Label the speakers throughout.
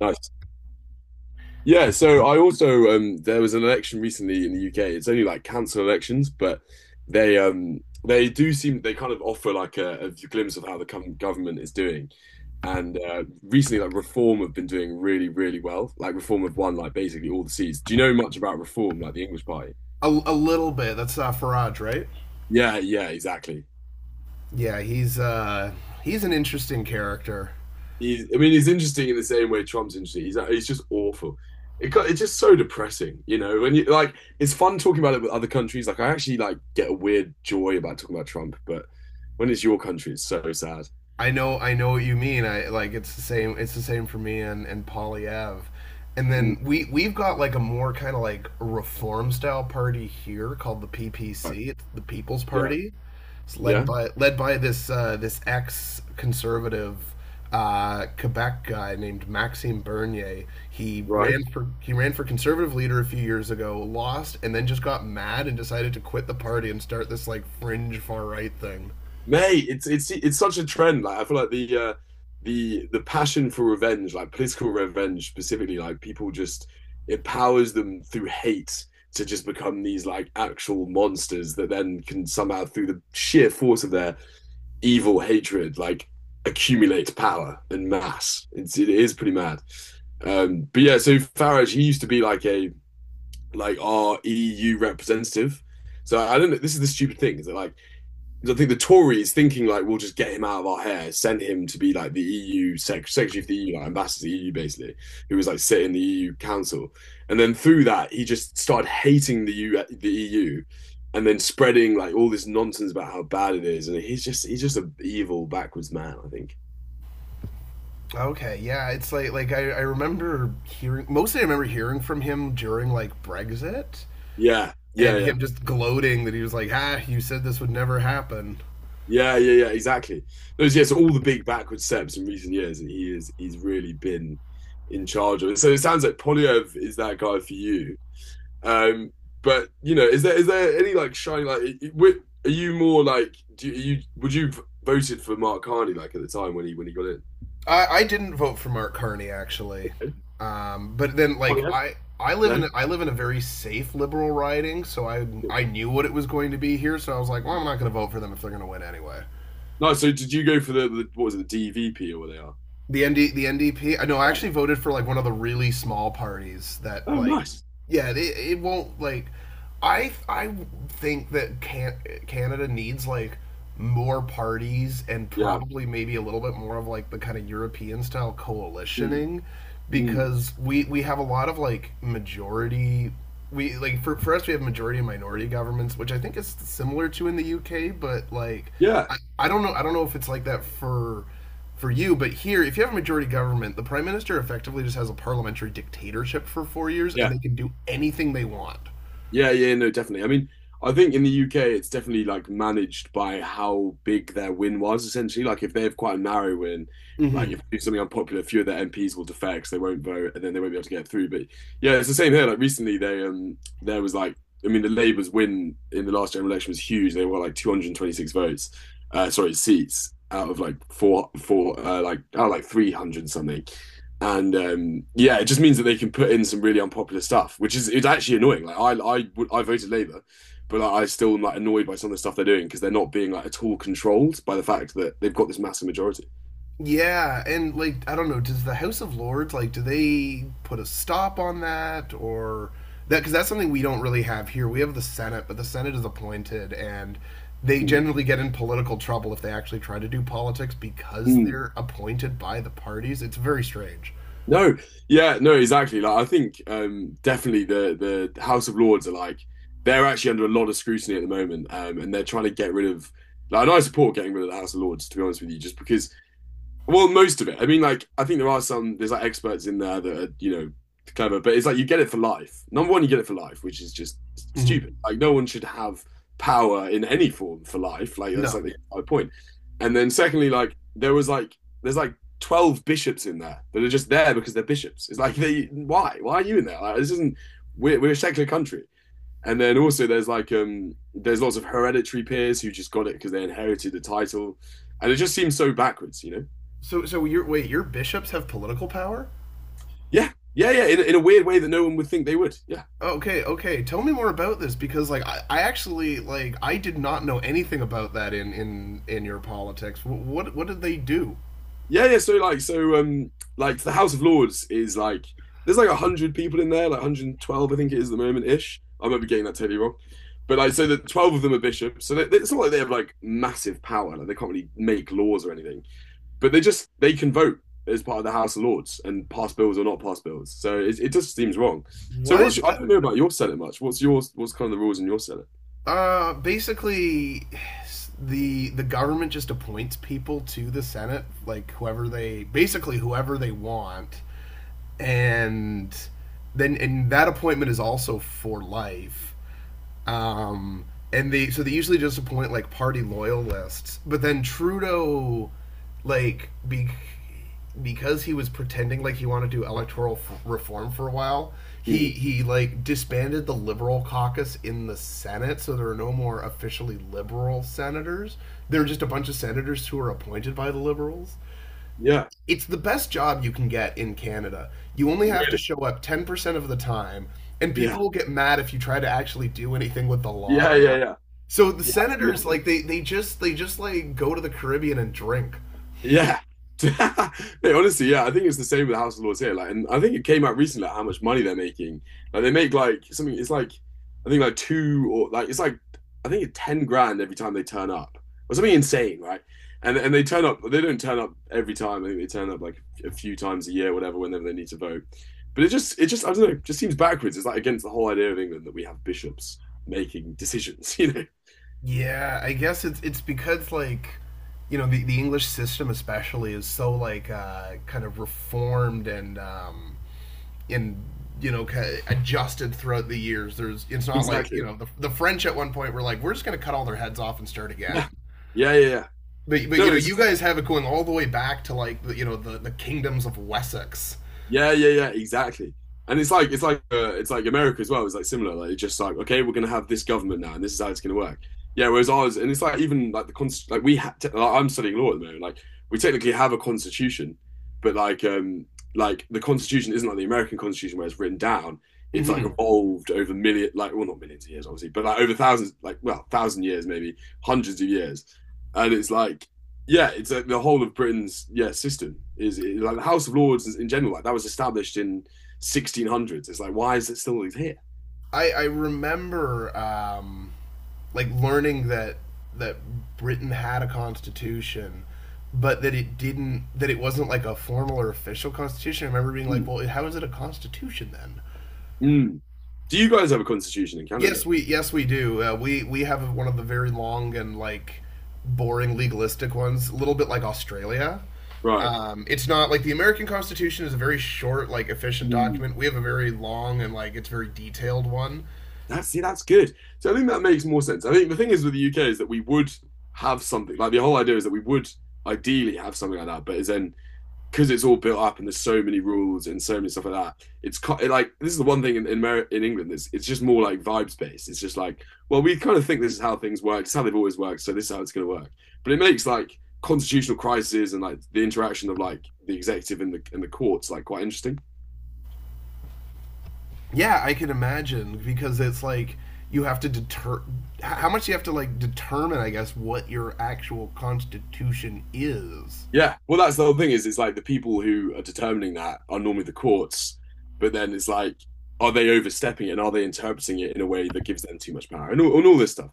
Speaker 1: Nice. Yeah, so I also there was an election recently in the UK. It's only like council elections, but they they do seem they kind of offer like a glimpse of how the government is doing. And recently like Reform have been doing really, really well. Like Reform have won like basically all the seats. Do you know much about Reform, like the English Party?
Speaker 2: A little bit. That's Faraj, right?
Speaker 1: Yeah, yeah, exactly.
Speaker 2: Yeah, he's an interesting character.
Speaker 1: He's, I mean, he's interesting in the same way Trump's interesting. He's just awful. It's just so depressing, When it's fun talking about it with other countries. Like, I actually like get a weird joy about talking about Trump, but when it's your country, it's so sad.
Speaker 2: I know what you mean. I like It's the same for me and Polly Ave. And
Speaker 1: Mm,
Speaker 2: then we've got like a more kind of like reform style party here called the
Speaker 1: right.
Speaker 2: PPC, it's the People's
Speaker 1: Yeah,
Speaker 2: Party. It's led
Speaker 1: yeah,
Speaker 2: by this this ex conservative Quebec guy named Maxime Bernier. He
Speaker 1: right.
Speaker 2: ran for conservative leader a few years ago, lost, and then just got mad and decided to quit the party and start this like fringe far right thing.
Speaker 1: Mate, it's such a trend. Like I feel like the passion for revenge, like political revenge specifically, like people just it powers them through hate to just become these like actual monsters that then can somehow through the sheer force of their evil hatred, like accumulate power and mass. It is pretty mad. But yeah, so Farage, he used to be like a like our EU representative. So I don't know. This is the stupid thing, is that like I think the Tories thinking like we'll just get him out of our hair, sent him to be like the EU secretary of the EU, like ambassador to the EU basically, who was like sitting in the EU council, and then through that he just started hating the EU, and then spreading like all this nonsense about how bad it is, and he's just an evil backwards man, I think.
Speaker 2: Okay, yeah, it's like I remember hearing mostly I remember hearing from him during like Brexit
Speaker 1: Yeah, yeah,
Speaker 2: and
Speaker 1: yeah,
Speaker 2: him just gloating that he was like, ah, you said this would never happen.
Speaker 1: yeah, exactly. All the big backward steps in recent years, and he's really been in charge of it. So it sounds like Polyev is that guy for you. Um, but you know, is there any like shiny like? Are you more like? Do you would you have voted for Mark Carney like at the time when he got in?
Speaker 2: I didn't vote for Mark Carney actually, but then
Speaker 1: Oh
Speaker 2: like
Speaker 1: yeah.
Speaker 2: I live in
Speaker 1: No,
Speaker 2: a very safe liberal riding, so I knew what it was going to be here, so I was like, well, I'm not going to vote for them if they're going to win anyway.
Speaker 1: no. So did you go for the what was it, the DVP, or what they are?
Speaker 2: The NDP. I know I
Speaker 1: Yeah.
Speaker 2: actually voted for like one of the really small parties that
Speaker 1: Oh, nice.
Speaker 2: yeah, it won't like I think that Canada needs like more parties and
Speaker 1: Yeah.
Speaker 2: probably maybe a little bit more of like the kind of European style
Speaker 1: Mm,
Speaker 2: coalitioning
Speaker 1: mm.
Speaker 2: because we have a lot of like majority we like for us we have majority and minority governments which I think is similar to in the UK but like
Speaker 1: Yeah.
Speaker 2: I don't know if it's like that for you. But here, if you have a majority government, the prime minister effectively just has a parliamentary dictatorship for 4 years, and
Speaker 1: Yeah.
Speaker 2: they can do anything they want.
Speaker 1: Yeah, yeah, no, definitely. I mean, I think in the UK it's definitely like managed by how big their win was essentially. Like if they have quite a narrow win, like
Speaker 2: Hmm
Speaker 1: if they do something unpopular, a few of their MPs will defect, 'cause they won't vote, and then they won't be able to get through. But yeah, it's the same here. Like recently, they there was like I mean, the Labour's win in the last general election was huge. They won like 226 votes, sorry, seats out of like four four like out of like 300 something. And yeah, it just means that they can put in some really unpopular stuff, which is it's actually annoying. Like I voted Labour, but like, I still am like annoyed by some of the stuff they're doing because they're not being like at all controlled by the fact that they've got this massive majority.
Speaker 2: Yeah, and like I don't know, does the House of Lords like do they put a stop on that or that because that's something we don't really have here. We have the Senate, but the Senate is appointed and they
Speaker 1: Mm,
Speaker 2: generally get in political trouble if they actually try to do politics because
Speaker 1: mm.
Speaker 2: they're appointed by the parties. It's very strange.
Speaker 1: No, yeah, no, exactly. Like I think definitely the House of Lords are like they're actually under a lot of scrutiny at the moment, and they're trying to get rid of. Like, and I support getting rid of the House of Lords, to be honest with you, just because. Well, most of it. I mean, like, I think there are some, there's like experts in there that are, you know, clever, but it's like you get it for life. Number one, you get it for life, which is just stupid.
Speaker 2: Hmm
Speaker 1: Like, no one should have power in any form for life. Like, that's
Speaker 2: No.
Speaker 1: like the entire point. And then, secondly, like, there was like, there's like 12 bishops in there that are just there because they're bishops. It's like, they, why? Why are you in there? Like, this isn't, we're a secular country. And then also, there's like, there's lots of hereditary peers who just got it because they inherited the title. And it just seems so backwards, you know?
Speaker 2: So so you're wait, your bishops have political power?
Speaker 1: Yeah, yeah, yeah. In a weird way that no one would think they would. Yeah,
Speaker 2: Okay, okay. Tell me more about this because, like, I actually I did not know anything about that in your politics. What did they do?
Speaker 1: yeah, yeah. Like the House of Lords is like there's like a hundred people in there, like 112, I think it is at the moment ish. I might be getting that totally wrong. But like, so the 12 of them are bishops, so it's not like they have like massive power. Like they can't really make laws or anything, but they can vote as part of the House of Lords and pass bills or not pass bills. So it just seems wrong. So
Speaker 2: What?
Speaker 1: what's your, I don't know about your Senate much. What's yours? What's kind of the rules in your Senate?
Speaker 2: Basically, the government just appoints people to the Senate, like whoever they basically whoever they want, and then and that appointment is also for life. Um, and they so they usually just appoint like party loyalists, but then Trudeau, like be, because he was pretending like he wanted to do electoral reform for a while,
Speaker 1: Hmm.
Speaker 2: he like disbanded the liberal caucus in the Senate, so there are no more officially liberal senators. They are just a bunch of senators who are appointed by the liberals.
Speaker 1: Yeah.
Speaker 2: It's the best job you can get in Canada. You only have to
Speaker 1: Really?
Speaker 2: show up 10% of the time, and
Speaker 1: Yeah,
Speaker 2: people will get mad if you try to actually do anything with the
Speaker 1: yeah,
Speaker 2: laws.
Speaker 1: yeah, yeah.
Speaker 2: So the
Speaker 1: She
Speaker 2: senators
Speaker 1: absolutely loved
Speaker 2: like they just like go to the Caribbean and drink.
Speaker 1: it. Yeah. Hey, honestly, yeah, I think it's the same with House of Lords here. Like, and I think it came out recently like, how much money they're making. Like, they make like something. It's like I think like two or like it's like I think it's 10 grand every time they turn up or something insane, right? And they turn up. They don't turn up every time. I think they turn up like a few times a year, whatever, whenever they need to vote. But it just I don't know. It just seems backwards. It's like against the whole idea of England that we have bishops making decisions. You know,
Speaker 2: Yeah, I guess it's because like you know the English system especially is so like kind of reformed and you know kind of adjusted throughout the years. There's It's not like you
Speaker 1: exactly.
Speaker 2: know the French at one point were like we're just gonna cut all their heads off and start again.
Speaker 1: Yeah, yeah, yeah, yeah.
Speaker 2: But you
Speaker 1: No,
Speaker 2: know, you
Speaker 1: it's.
Speaker 2: guys have it going all the way back to like you know the kingdoms of Wessex.
Speaker 1: Yeah, yeah, yeah, exactly. And it's like America as well. It's like similar. Like it's just like okay, we're gonna have this government now, and this is how it's gonna work. Yeah. Whereas ours, and it's like even like the const like we ha te- like, I'm studying law at the moment. Like we technically have a constitution, but like the constitution isn't like the American constitution where it's written down. It's like
Speaker 2: Mm-hmm.
Speaker 1: evolved over million like well not millions of years obviously, but like over thousands like well thousand years, maybe hundreds of years, and it's like yeah, it's like the whole of Britain's system is like the House of Lords in general. Like that was established in 1600s. It's like why is it still here?
Speaker 2: I remember like learning that Britain had a constitution, but that it didn't that it wasn't like a formal or official constitution. I remember being like,
Speaker 1: Mm.
Speaker 2: well, how is it a constitution then?
Speaker 1: Mm. Do you guys have a constitution in
Speaker 2: Yes,
Speaker 1: Canada?
Speaker 2: we do. We have one of the very long and like boring legalistic ones, a little bit like Australia.
Speaker 1: Right.
Speaker 2: It's not like the American Constitution is a very short, like efficient
Speaker 1: Mm.
Speaker 2: document. We have a very long and like it's very detailed one.
Speaker 1: That's, see, that's good. So I think that makes more sense. I think the thing is with the UK is that we would have something like the whole idea is that we would ideally have something like that, but is then because it's all built up and there's so many rules and so many stuff like that. Like this is the one thing in in England that's it's just more like vibes based. It's just like, well, we kind of think this is how things work. It's how they've always worked, so this is how it's going to work. But it makes like constitutional crises and like the interaction of like the executive and the courts like quite interesting.
Speaker 2: Yeah, I can imagine because it's like you have to deter how much you have to like determine, I guess, what your actual constitution is.
Speaker 1: Yeah, well, that's the whole thing, is it's like the people who are determining that are normally the courts, but then it's like, are they overstepping it and are they interpreting it in a way that gives them too much power and all this stuff,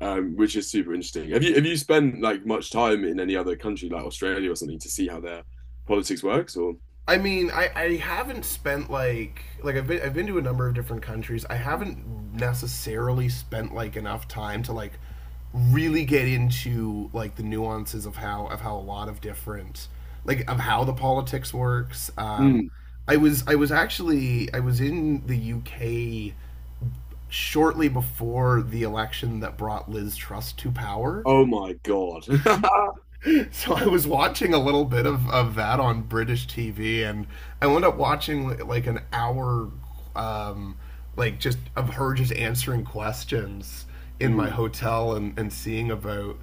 Speaker 1: which is super interesting. Have you spent like much time in any other country like Australia or something to see how their politics works or?
Speaker 2: I mean, I haven't spent like I've been to a number of different countries. I haven't necessarily spent like enough time to like really get into like the nuances of how a lot of different like of how the politics works.
Speaker 1: Mm.
Speaker 2: I was actually I was in the UK shortly before the election that brought Liz Truss to power.
Speaker 1: Oh my God.
Speaker 2: So I was watching a little bit of that on British TV, and I wound up watching like an hour, um, like just of her just answering questions in my
Speaker 1: Mm.
Speaker 2: hotel and, seeing about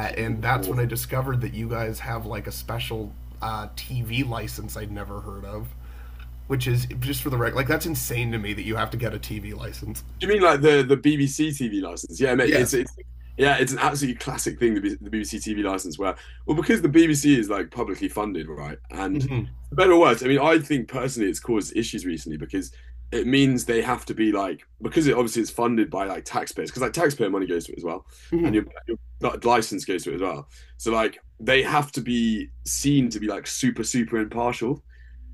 Speaker 1: She was
Speaker 2: And that's when I
Speaker 1: awful.
Speaker 2: discovered that you guys have like a special TV license I'd never heard of, which is just for the record, like that's insane to me that you have to get a TV license.
Speaker 1: Do you mean like the BBC TV license? Yeah, mate,
Speaker 2: Yes.
Speaker 1: it's yeah, it's an absolutely classic thing, the BBC TV license, where well, because the BBC is like publicly funded, right? And
Speaker 2: hmm
Speaker 1: for better or worse, I mean, I think personally it's caused issues recently because it means they have to be like because it obviously it's funded by like taxpayers because like taxpayer money goes to it as well, and
Speaker 2: hmm
Speaker 1: your license goes to it as well. So like they have to be seen to be like super super impartial.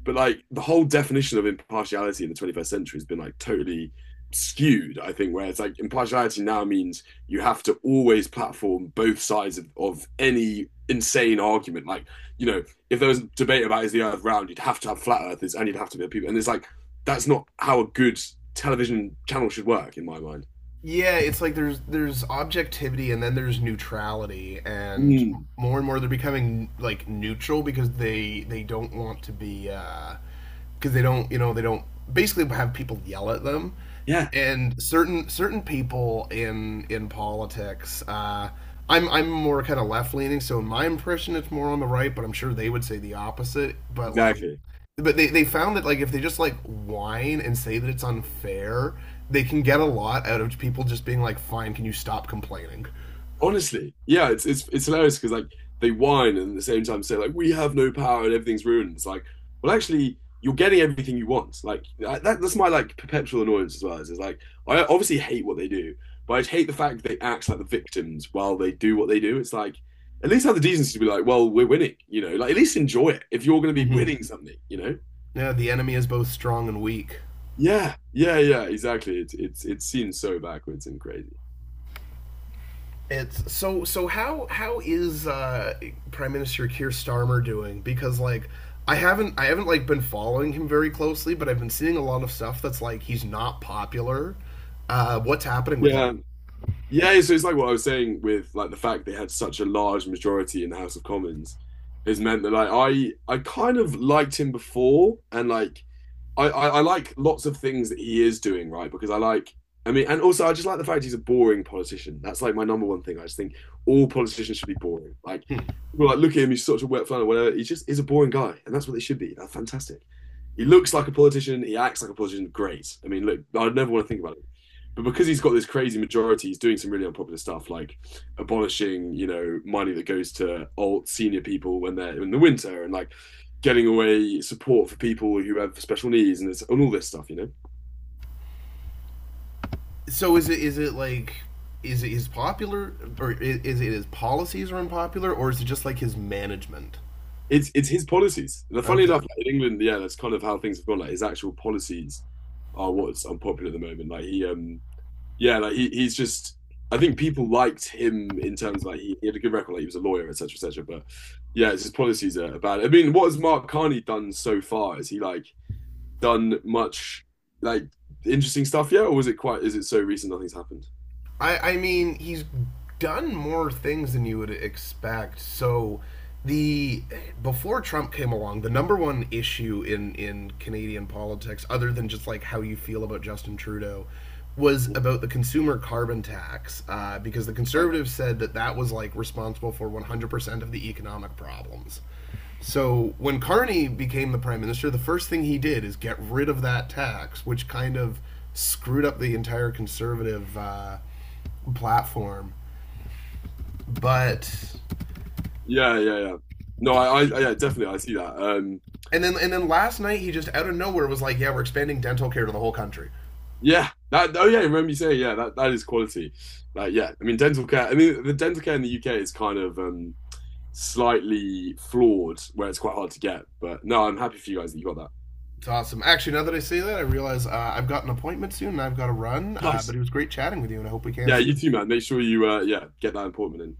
Speaker 1: But like the whole definition of impartiality in the 21st century has been like totally skewed, I think, where it's like impartiality now means you have to always platform both sides of any insane argument. Like, you know, if there was a debate about is the earth round, you'd have to have flat earthers and you'd have to be people. And it's like, that's not how a good television channel should work, in my mind.
Speaker 2: yeah, it's like there's objectivity and then there's neutrality,
Speaker 1: Mm,
Speaker 2: and more they're becoming like neutral because they don't want to be because they don't you know they don't basically have people yell at them,
Speaker 1: yeah,
Speaker 2: and certain people in politics I'm more kind of left leaning, so in my impression it's more on the right, but I'm sure they would say the opposite, but like
Speaker 1: exactly.
Speaker 2: but they found that like if they just like whine and say that it's unfair they can get a lot out of people just being like, fine, can you stop complaining.
Speaker 1: Honestly, yeah, it's hilarious because like they whine and at the same time say like we have no power and everything's ruined. It's like, well, actually, you're getting everything you want. That's my like perpetual annoyance as well. Is like I obviously hate what they do, but I hate the fact that they act like the victims while they do what they do. It's like at least have the decency to be like, well, we're winning, you know. Like at least enjoy it if you're going to be
Speaker 2: Mm-hmm.
Speaker 1: winning something, you know.
Speaker 2: Yeah, the enemy is both strong and weak.
Speaker 1: Yeah, yeah, yeah, exactly. It seems so backwards and crazy.
Speaker 2: It's so how is prime minister Keir Starmer doing, because like I haven't like been following him very closely, but I've been seeing a lot of stuff that's like he's not popular. Uh, what's happening with him?
Speaker 1: Yeah. Yeah, so it's like what I was saying, with like the fact they had such a large majority in the House of Commons has meant that like I kind of liked him before and like I like lots of things that he is doing right, because I like. I mean, and also I just like the fact he's a boring politician. That's like my number one thing. I just think all politicians should be boring. Like,
Speaker 2: Hmm.
Speaker 1: well, like look at him, he's such a wet flannel, whatever. He just is a boring guy, and that's what they should be. That's fantastic. He looks like a politician. He acts like a politician. Great. I mean, look, I'd never want to think about it. But because he's got this crazy majority, he's doing some really unpopular stuff, like abolishing, you know, money that goes to old senior people when they're in the winter, and like getting away support for people who have special needs and, this, and all this stuff, you know?
Speaker 2: So is it like is it his popular or is it his policies are unpopular, or is it just like his management?
Speaker 1: It's his policies. And funny
Speaker 2: Okay.
Speaker 1: enough, like, in England, yeah, that's kind of how things have gone. Like his actual policies are what's unpopular at the moment. Yeah, he's just. I think people liked him in terms of, he had a good record, like he was a lawyer, etc., etc. But yeah, it's his policies are bad. I mean, what has Mark Carney done so far? Has he like done much like interesting stuff yet, or was it quite? Is it so recent nothing's happened?
Speaker 2: I mean, he's done more things than you would expect. So the before Trump came along, the number one issue in Canadian politics, other than just like how you feel about Justin Trudeau, was about the consumer carbon tax because the conservatives said that was like responsible for 100% of the economic problems. So when Carney became the prime minister, the first thing he did is get rid of that tax, which kind of screwed up the entire conservative platform. But
Speaker 1: Yeah, yeah, yeah. No, yeah, definitely, I see that.
Speaker 2: and then last night he just out of nowhere was like, "Yeah, we're expanding dental care to the whole country."
Speaker 1: Yeah, that. Oh, yeah. Remember you saying, yeah, that is quality. Like, yeah, I mean, dental care. I mean, the dental care in the UK is kind of slightly flawed, where it's quite hard to get. But no, I'm happy for you guys that you got that.
Speaker 2: It's awesome. Actually, now that I say that, I realize I've got an appointment soon and I've got to run. But
Speaker 1: Nice.
Speaker 2: it was great chatting with you, and I hope we can
Speaker 1: Yeah, you
Speaker 2: soon.
Speaker 1: too, man. Make sure you, yeah, get that appointment in.